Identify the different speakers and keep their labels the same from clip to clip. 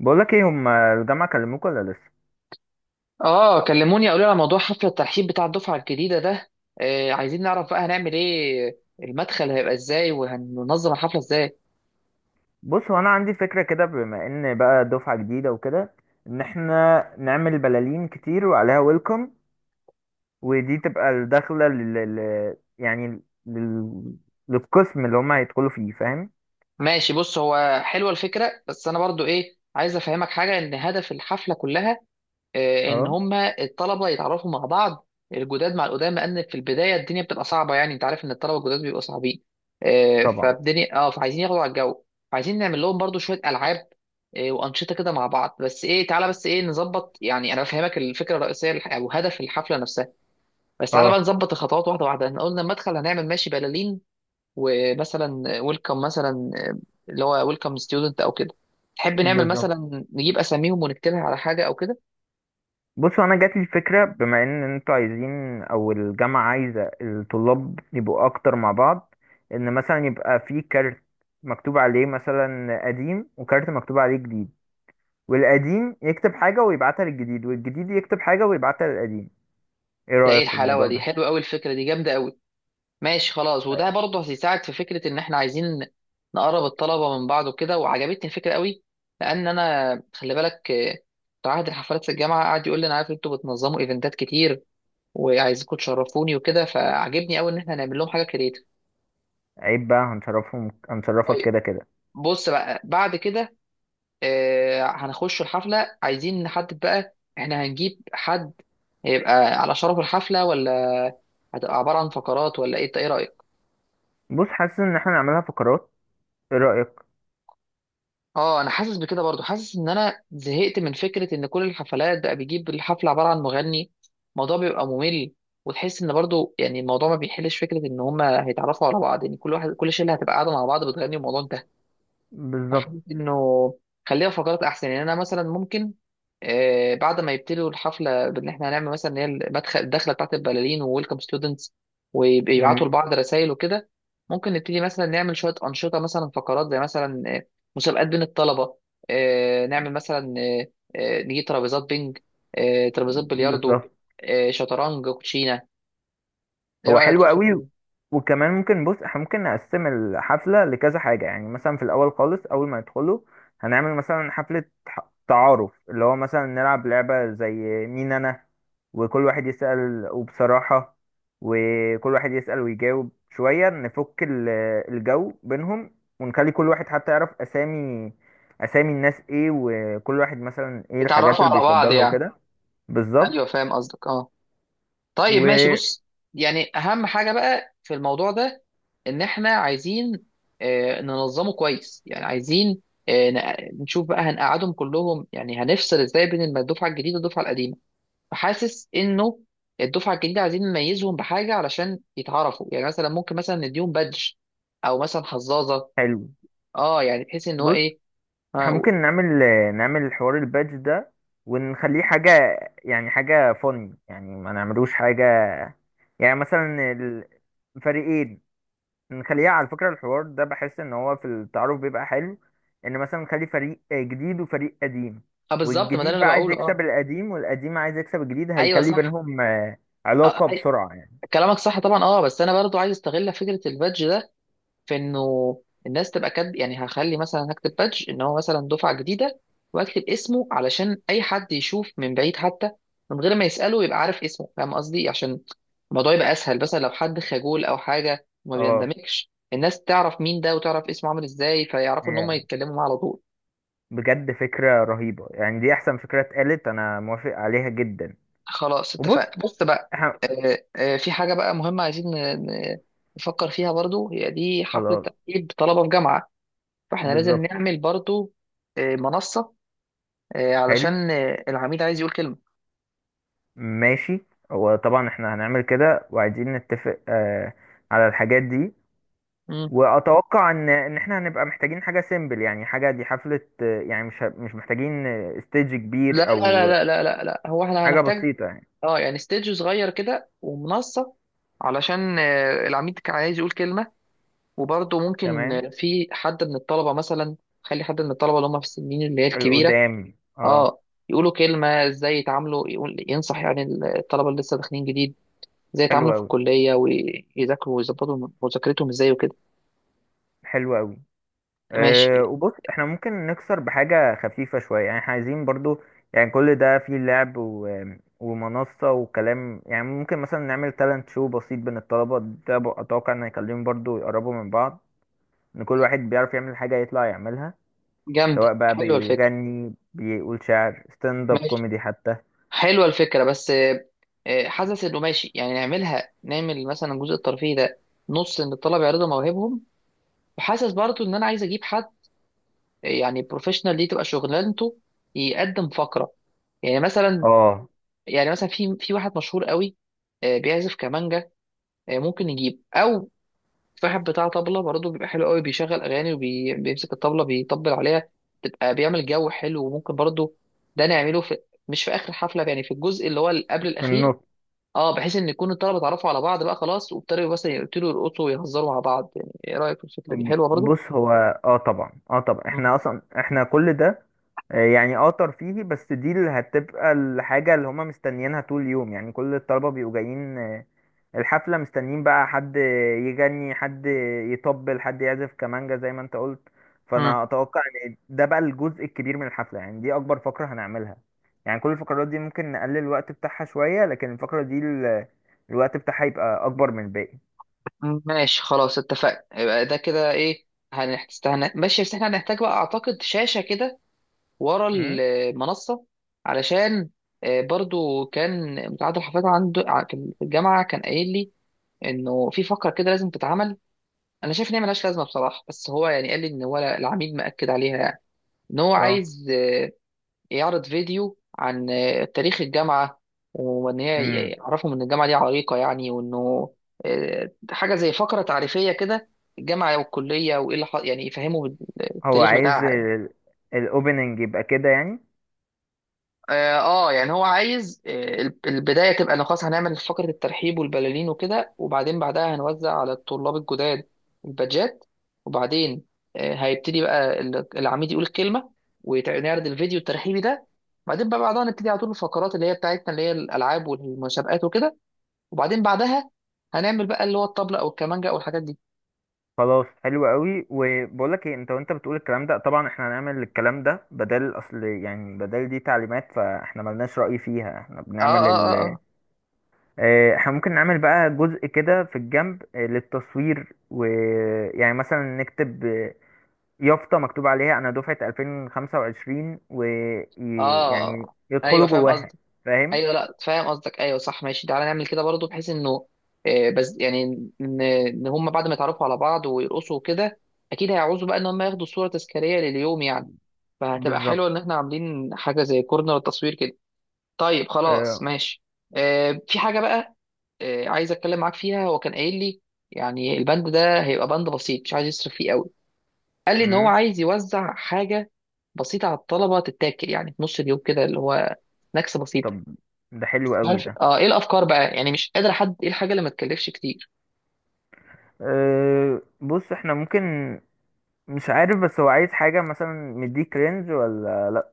Speaker 1: بقول لك ايه، هم الجامعه كلموك ولا لسه؟
Speaker 2: اه، كلموني قالوا لي على موضوع حفله الترحيب بتاع الدفعه الجديده ده. عايزين نعرف بقى هنعمل ايه، المدخل هيبقى ازاي وهننظم الحفله ازاي؟
Speaker 1: بص، هو انا عندي فكره كده بما ان بقى دفعه جديده وكده، ان احنا نعمل بلالين كتير وعليها ويلكم، ودي تبقى الدخله يعني للقسم اللي هم هيدخلوا فيه، فاهم؟
Speaker 2: ماشي، بص هو حلوه الفكره، بس انا برضو ايه، عايز افهمك حاجه، ان هدف الحفله كلها ان
Speaker 1: اه،
Speaker 2: هم الطلبه يتعرفوا مع بعض، الجداد مع القدامى، لان في البدايه الدنيا بتبقى صعبه. يعني انت عارف ان الطلبه الجداد بيبقوا صعبين،
Speaker 1: طبعا،
Speaker 2: فالدنيا فعايزين ياخدوا على الجو. فعايزين نعمل لهم برضو شويه العاب وانشطه كده مع بعض. بس ايه، تعالى، بس ايه، نظبط. يعني انا بفهمك الفكره الرئيسيه او هدف الحفله نفسها. بس تعالى بقى
Speaker 1: اه.
Speaker 2: نظبط الخطوات واحده واحده. احنا قلنا المدخل هنعمل ماشي بلالين، ومثلا ويلكم، مثلا اللي هو ويلكم ستودنت او كده. تحب نعمل
Speaker 1: بالظبط.
Speaker 2: مثلا نجيب اساميهم ونكتبها على حاجه او كده؟
Speaker 1: بص، انا جات لي فكره، بما ان انتوا عايزين، او الجامعه عايزه الطلاب يبقوا اكتر مع بعض، ان مثلا يبقى في كارت مكتوب عليه مثلا قديم، وكارت مكتوب عليه جديد، والقديم يكتب حاجة ويبعتها للجديد، والجديد يكتب حاجة ويبعتها للقديم. ايه
Speaker 2: ده ايه
Speaker 1: رأيك في
Speaker 2: الحلاوه
Speaker 1: الموضوع
Speaker 2: دي،
Speaker 1: ده؟
Speaker 2: حلوه قوي الفكره دي، جامده قوي. ماشي خلاص، وده برضه هيساعد في فكره ان احنا عايزين نقرب الطلبه من بعض وكده، وعجبتني الفكره قوي. لان انا، خلي بالك، بتاع عهد الحفلات في الجامعه قعد يقول لي انا عارف انتوا بتنظموا ايفنتات كتير وعايزكم تشرفوني وكده، فعجبني قوي ان احنا نعمل لهم حاجه كريتيف.
Speaker 1: عيب بقى، هنشرفهم هنشرفك
Speaker 2: طيب،
Speaker 1: كده كده.
Speaker 2: بص بقى بعد كده هنخش الحفله. عايزين نحدد بقى احنا هنجيب حد هيبقى على شرف الحفله، ولا هتبقى عباره عن فقرات، ولا ايه؟ إنت ايه رايك؟
Speaker 1: بص، حاسس ان احنا نعملها فقرات. ايه رأيك؟
Speaker 2: اه، انا حاسس بكده برضو، حاسس ان انا زهقت من فكره ان كل الحفلات بقى بيجيب الحفله عباره عن مغني. الموضوع بيبقى ممل، وتحس ان برضو يعني الموضوع ما بيحلش فكره ان هما هيتعرفوا على بعض. يعني كل واحد، كل شله هتبقى قاعده مع بعض بتغني والموضوع انتهى.
Speaker 1: بالظبط.
Speaker 2: فحبيت انه خليها فقرات احسن. يعني انا مثلا ممكن بعد ما يبتدوا الحفله بان احنا هنعمل مثلا اللي هي المدخل، الدخله بتاعت البلالين وويلكم ستودنتس، ويبعتوا
Speaker 1: مم.
Speaker 2: لبعض رسائل وكده. ممكن نبتدي مثلا نعمل شويه انشطه، مثلا فقرات، زي مثلا مسابقات بين الطلبه. نعمل مثلا، نجيب ترابيزات بينج، ترابيزات بلياردو،
Speaker 1: بالظبط.
Speaker 2: شطرنج، كوتشينه. ايه
Speaker 1: هو
Speaker 2: رايك
Speaker 1: حلو
Speaker 2: في الفكره
Speaker 1: قوي.
Speaker 2: دي؟
Speaker 1: وكمان ممكن، بص، احنا ممكن نقسم الحفلة لكذا حاجة. يعني مثلا في الأول خالص، أول ما يدخلوا هنعمل مثلا حفلة تعارف، اللي هو مثلا نلعب لعبة زي مين أنا، وكل واحد يسأل وبصراحة، وكل واحد يسأل ويجاوب، شوية نفك الجو بينهم، ونخلي كل واحد حتى يعرف أسامي الناس إيه، وكل واحد مثلا إيه الحاجات
Speaker 2: يتعرفوا
Speaker 1: اللي
Speaker 2: على بعض
Speaker 1: بيفضلها
Speaker 2: يعني.
Speaker 1: وكده. بالظبط.
Speaker 2: ايوه فاهم قصدك، اه. طيب ماشي،
Speaker 1: وحلو.
Speaker 2: بص، يعني اهم حاجه بقى في الموضوع ده ان احنا عايزين ننظمه كويس. يعني عايزين نشوف بقى هنقعدهم كلهم. يعني هنفصل ازاي بين الدفعه الجديده والدفعه القديمه. فحاسس انه الدفعه الجديده عايزين نميزهم بحاجه علشان يتعرفوا. يعني مثلا ممكن مثلا نديهم بادج، او مثلا حظاظه. اه، يعني بحيث ان هو
Speaker 1: بص،
Speaker 2: ايه.
Speaker 1: احنا
Speaker 2: اه
Speaker 1: ممكن نعمل حوار البادج ده، ونخليه حاجة، يعني حاجة فن، يعني ما نعملوش حاجة، يعني مثلا الفريقين، نخليها على فكرة. الحوار ده بحس ان هو في التعارف بيبقى حلو، ان مثلا نخلي فريق جديد وفريق قديم،
Speaker 2: بالظبط، ما ده اللي
Speaker 1: والجديد بقى
Speaker 2: انا
Speaker 1: عايز
Speaker 2: بقوله.
Speaker 1: يكسب
Speaker 2: اه
Speaker 1: القديم، والقديم عايز يكسب الجديد،
Speaker 2: ايوه
Speaker 1: هيخلي
Speaker 2: صح.
Speaker 1: بينهم
Speaker 2: آه، آه،
Speaker 1: علاقة بسرعة يعني.
Speaker 2: كلامك صح طبعا. اه، بس انا برضو عايز استغل فكره البادج ده في انه الناس تبقى كاتب. يعني هخلي مثلا، هكتب بادج ان هو مثلا دفعه جديده، واكتب اسمه علشان اي حد يشوف من بعيد، حتى من غير ما يساله يبقى عارف اسمه. فاهم قصدي؟ عشان الموضوع يبقى اسهل، مثلا لو حد خجول او حاجه وما
Speaker 1: اه.
Speaker 2: بيندمجش، الناس تعرف مين ده وتعرف اسمه عامل ازاي، فيعرفوا ان هم
Speaker 1: هي
Speaker 2: يتكلموا معاه على طول.
Speaker 1: بجد فكرة رهيبة، يعني دي احسن فكرة اتقالت، انا موافق عليها جدا.
Speaker 2: خلاص
Speaker 1: وبص،
Speaker 2: اتفقنا. بص بقى،
Speaker 1: احنا.
Speaker 2: في حاجه بقى مهمه عايزين نفكر فيها برضو. هي دي حفله
Speaker 1: خلاص.
Speaker 2: تاهيل طلبه في جامعه، فاحنا لازم
Speaker 1: بالظبط.
Speaker 2: نعمل برضو منصه
Speaker 1: حلو.
Speaker 2: علشان العميل عايز يقول كلمة.
Speaker 1: ماشي. هو طبعا احنا هنعمل كده، وعايزين نتفق على الحاجات دي.
Speaker 2: مم.
Speaker 1: واتوقع ان احنا هنبقى محتاجين حاجه سيمبل، يعني حاجه، دي حفله، يعني مش محتاجين ستيج
Speaker 2: لا لا
Speaker 1: كبير
Speaker 2: لا
Speaker 1: او
Speaker 2: لا لا لا لا. هو احنا
Speaker 1: حاجه
Speaker 2: هنحتاج،
Speaker 1: بسيطه يعني.
Speaker 2: اه، يعني ستيدج صغير كده ومنصة، علشان العميل كان عايز يقول كلمة. وبرضه ممكن
Speaker 1: تمام.
Speaker 2: في حد من الطلبة، مثلا خلي حد من الطلبة اللي هم في السنين اللي هي الكبيرة،
Speaker 1: القدام، اه.
Speaker 2: اه، يقولوا كلمة ازاي يتعاملوا، يقول، ينصح يعني الطلبة اللي لسه داخلين جديد ازاي
Speaker 1: حلو
Speaker 2: يتعاملوا في
Speaker 1: قوي،
Speaker 2: الكلية ويذاكروا ويظبطوا مذاكرتهم ازاي وكده.
Speaker 1: حلو قوي.
Speaker 2: ماشي.
Speaker 1: وبص، احنا ممكن نكسر بحاجة خفيفة شوية. يعني احنا عايزين برضو، يعني كل ده فيه لعب و... ومنصة وكلام، يعني ممكن مثلا نعمل تالنت شو بسيط بين الطلبة ده، أتوقع إن هيخليهم برضو يقربوا من بعض، إن كل واحد بيعرف يعمل حاجة يطلع يعملها، سواء
Speaker 2: جامدة،
Speaker 1: بقى
Speaker 2: حلوة الفكرة.
Speaker 1: بيغني، بيقول شعر، ستاند اب
Speaker 2: ماشي،
Speaker 1: كوميدي حتى.
Speaker 2: حلوه الفكره. بس حاسس انه ماشي. يعني نعملها، نعمل مثلا الجزء الترفيهي ده نص ان الطلبه يعرضوا مواهبهم. وحاسس برضو ان انا عايز اجيب حد، يعني بروفيشنال دي تبقى شغلانته، يقدم فقره. يعني مثلا،
Speaker 1: اه،
Speaker 2: يعني مثلا في واحد مشهور قوي بيعزف كمانجا، ممكن نجيب، او في واحد بتاع طبله برضه بيبقى حلو قوي، بيشغل اغاني وبيمسك الطبله بيطبل عليها، تبقى بيعمل جو حلو. وممكن برضه ده نعمله في، مش في اخر حفله، يعني في الجزء اللي هو اللي قبل
Speaker 1: في
Speaker 2: الاخير.
Speaker 1: النص.
Speaker 2: اه، بحيث ان يكون الطلبه اتعرفوا على بعض بقى خلاص وابتدوا، بس يبتدوا يرقصوا ويهزروا مع بعض. يعني ايه رايك في الفكره دي؟ حلوه برضو.
Speaker 1: بص، هو طبعا
Speaker 2: مم.
Speaker 1: احنا اصلا احنا كل ده يعني ترفيهي، بس دي اللي هتبقى الحاجة اللي هما مستنيينها طول اليوم. يعني كل الطلبة بيبقوا جايين الحفلة، مستنيين بقى حد يغني، حد يطبل، حد يعزف كمانجا زي ما انت قلت.
Speaker 2: امم
Speaker 1: فانا اتوقع. ان ده بقى الجزء الكبير من الحفلة، يعني دي اكبر فقرة هنعملها. يعني كل الفقرات دي ممكن نقلل الوقت بتاعها شوية، لكن الفقرة دي الوقت بتاعها يبقى اكبر من الباقي.
Speaker 2: ماشي خلاص اتفقنا. يبقى ده كده ايه، هنحتاج. ماشي، بس احنا هنحتاج بقى اعتقد شاشه كده ورا
Speaker 1: امم.
Speaker 2: المنصه، علشان برضو كان متعدد الحفاظ عنده في الجامعه. كان قايل لي انه في فقره كده لازم تتعمل. انا شايف ان هي ملهاش لازمه بصراحه، بس هو يعني قال لي ان هو العميد مأكد عليها. يعني ان هو
Speaker 1: اه.
Speaker 2: عايز يعرض فيديو عن تاريخ الجامعة، وإن هي
Speaker 1: امم.
Speaker 2: يعرفهم إن الجامعة دي عريقة يعني، وإنه حاجة زي فقرة تعريفية كده، الجامعة والكلية، وإيه اللي يعني يفهموا
Speaker 1: هو
Speaker 2: التاريخ
Speaker 1: عايز
Speaker 2: بتاعها يعني.
Speaker 1: الاوبننج يبقى كده يعني.
Speaker 2: اه، يعني هو عايز، البدايه تبقى انه خلاص هنعمل فقره الترحيب والبلالين وكده، وبعدين بعدها هنوزع على الطلاب الجداد البادجات. وبعدين هيبتدي بقى العميد يقول الكلمه ونعرض الفيديو الترحيبي ده. بعدين بقى بعدها نبتدي على طول الفقرات اللي هي بتاعتنا اللي هي الالعاب والمسابقات وكده. وبعدين بعدها هنعمل بقى اللي هو الطبله او الكمانجه او الحاجات دي.
Speaker 1: خلاص، حلو قوي. وبقولك ايه، انت وانت بتقول الكلام ده، طبعا احنا هنعمل الكلام ده بدل، اصل يعني، بدل دي تعليمات فاحنا ملناش رأي فيها، احنا
Speaker 2: اه
Speaker 1: بنعمل
Speaker 2: اه اه
Speaker 1: اه، احنا ممكن نعمل بقى جزء كده في الجنب، للتصوير، ويعني مثلا نكتب، يافطة مكتوب عليها انا دفعة 2025،
Speaker 2: اه,
Speaker 1: ويعني
Speaker 2: آه. ايوه
Speaker 1: يدخلوا
Speaker 2: فاهم
Speaker 1: جواها.
Speaker 2: قصدك.
Speaker 1: فاهم.
Speaker 2: ايوه، لا فاهم قصدك، ايوه صح. ماشي تعالى نعمل كده برضو، بحيث انه بس يعني ان، إن هم بعد ما يتعرفوا على بعض ويرقصوا كده، اكيد هيعوزوا بقى ان هم ياخدوا صوره تذكاريه لليوم يعني، فهتبقى
Speaker 1: بالظبط.
Speaker 2: حلوه ان احنا عاملين حاجه زي كورنر تصوير كده. طيب خلاص
Speaker 1: اه،.
Speaker 2: ماشي. في حاجه بقى عايز اتكلم معاك فيها. هو كان قايل لي يعني البند ده هيبقى بند بسيط، مش عايز يصرف فيه قوي. قال لي ان هو
Speaker 1: مم.
Speaker 2: عايز يوزع حاجه بسيطه على الطلبه تتاكل، يعني في نص اليوم كده، اللي هو سناكس بسيط.
Speaker 1: طب، ده حلو
Speaker 2: مش
Speaker 1: قوي
Speaker 2: عارف،
Speaker 1: ده.
Speaker 2: اه، ايه الافكار بقى؟ يعني مش قادر احدد ايه الحاجه اللي ما تكلفش كتير
Speaker 1: بص، احنا ممكن، مش عارف، بس هو عايز حاجة مثلا مديك رينج ولا لأ؟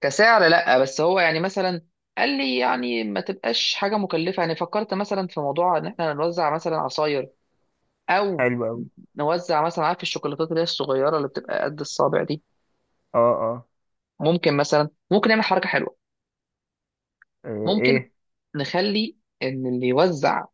Speaker 2: كسعر. لا، بس هو يعني مثلا قال لي يعني ما تبقاش حاجه مكلفه. يعني فكرت مثلا في موضوع ان احنا نوزع مثلا عصاير، او
Speaker 1: حلو أوي.
Speaker 2: نوزع مثلا، عارف الشوكولاتات اللي هي الصغيره اللي بتبقى قد الصابع دي؟
Speaker 1: اه، اه.
Speaker 2: ممكن مثلا، ممكن نعمل حركه حلوه، ممكن
Speaker 1: ايه؟
Speaker 2: نخلي ان اللي يوزع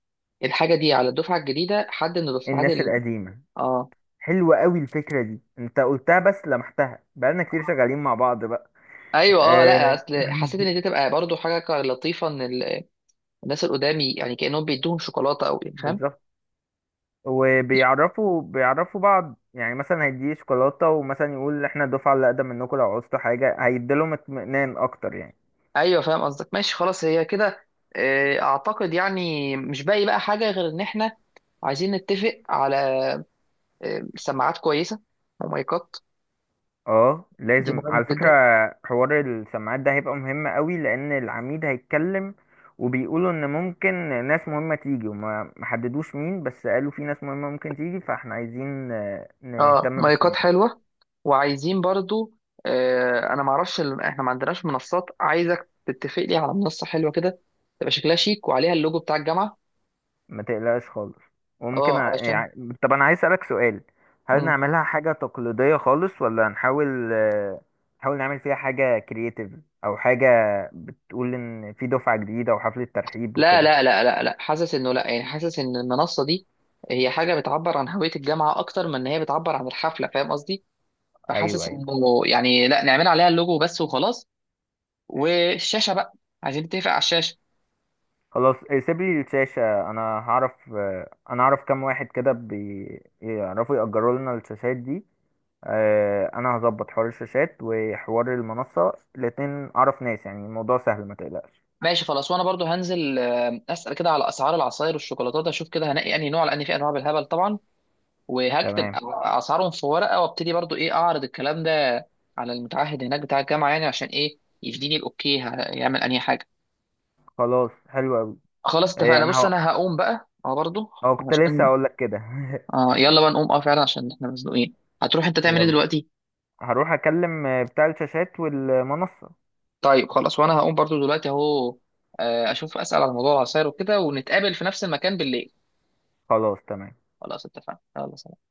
Speaker 2: الحاجه دي على الدفعه الجديده حد من الدفعات
Speaker 1: الناس
Speaker 2: ال...
Speaker 1: القديمة.
Speaker 2: اه.
Speaker 1: حلوة أوي الفكرة دي انت قلتها، بس لمحتها بقالنا كتير شغالين مع بعض بقى.
Speaker 2: ايوه اه،
Speaker 1: آه.
Speaker 2: لا اصل حسيت ان دي تبقى برضو حاجه لطيفه، ان الناس اللي قدامي يعني كأنهم بيدوهم شوكولاتة، أو يعني فاهم.
Speaker 1: بالظبط. وبيعرفوا بعض، يعني مثلا هيديه شوكولاتة، ومثلا يقول احنا الدفعة اللي أقدم منكم لو عوزتوا حاجة، هيديلهم اطمئنان أكتر يعني.
Speaker 2: أيوه فاهم قصدك. ماشي خلاص، هي كده، أعتقد يعني مش باقي بقى حاجة غير إن إحنا عايزين نتفق على سماعات كويسة ومايكات.
Speaker 1: اه،
Speaker 2: دي
Speaker 1: لازم
Speaker 2: مهمة
Speaker 1: على فكرة.
Speaker 2: جدا.
Speaker 1: حوار السماعات ده هيبقى مهم قوي، لان العميد هيتكلم، وبيقولوا ان ممكن ناس مهمة تيجي، وما ما حددوش مين، بس قالوا في ناس مهمة ممكن تيجي، فاحنا عايزين
Speaker 2: اه
Speaker 1: نهتم
Speaker 2: مايكات
Speaker 1: بالسماعات.
Speaker 2: حلوة. وعايزين برضو أنا معرفش، إحنا ما عندناش منصات. عايزك تتفق لي على منصة حلوة كده، تبقى شكلها شيك وعليها اللوجو بتاع الجامعة.
Speaker 1: ما تقلقش خالص. وممكن،
Speaker 2: اه علشان.
Speaker 1: يعني طب انا عايز اسألك سؤال، هل
Speaker 2: مم.
Speaker 1: نعملها حاجة تقليدية خالص، ولا نحاول نعمل فيها حاجة كرياتيف، او حاجة بتقول ان في دفعة جديدة وحفلة ترحيب
Speaker 2: لا
Speaker 1: وكده؟
Speaker 2: لا لا لا لا، حاسس انه لا، يعني حاسس ان المنصه دي هي حاجه بتعبر عن هويه الجامعه اكتر من ان هي بتعبر عن الحفله. فاهم قصدي؟
Speaker 1: ايوه،
Speaker 2: فحاسس
Speaker 1: ايوه.
Speaker 2: انه يعني لا، نعمل عليها اللوجو بس وخلاص. والشاشه بقى، عايزين نتفق على الشاشه.
Speaker 1: خلاص، إيه، سيب لي الشاشة، انا هعرف آه، انا اعرف كام واحد كده بيعرفوا يأجروا لنا الشاشات دي. انا هظبط حوار الشاشات وحوار المنصة الاتنين، اعرف ناس، يعني الموضوع سهل، ما تقلقش.
Speaker 2: ماشي خلاص، وانا برضو هنزل اسال كده على اسعار العصاير والشوكولاتات، اشوف كده هنقي انهي نوع، لان في انواع بالهبل طبعا. وهكتب
Speaker 1: تمام.
Speaker 2: اسعارهم في ورقه، وابتدي برضو ايه اعرض الكلام ده على المتعهد هناك بتاع الجامعه، يعني عشان ايه يديني الاوكي هيعمل انهي حاجه.
Speaker 1: خلاص، حلو قوي.
Speaker 2: خلاص اتفقنا.
Speaker 1: انا
Speaker 2: بص
Speaker 1: هو
Speaker 2: انا هقوم بقى، برضو
Speaker 1: هو كنت لسه
Speaker 2: عشان
Speaker 1: هقول لك كده.
Speaker 2: يلا بقى نقوم. اه فعلا عشان احنا مزنوقين. هتروح انت تعمل ايه
Speaker 1: يلا،
Speaker 2: دلوقتي؟
Speaker 1: هروح اكلم بتاع الشاشات والمنصة.
Speaker 2: طيب خلاص، وانا هقوم برضو دلوقتي اهو، اشوف اسال على موضوع العصاير وكده، ونتقابل في نفس المكان بالليل.
Speaker 1: خلاص، تمام.
Speaker 2: خلاص اتفقنا، يلا سلام.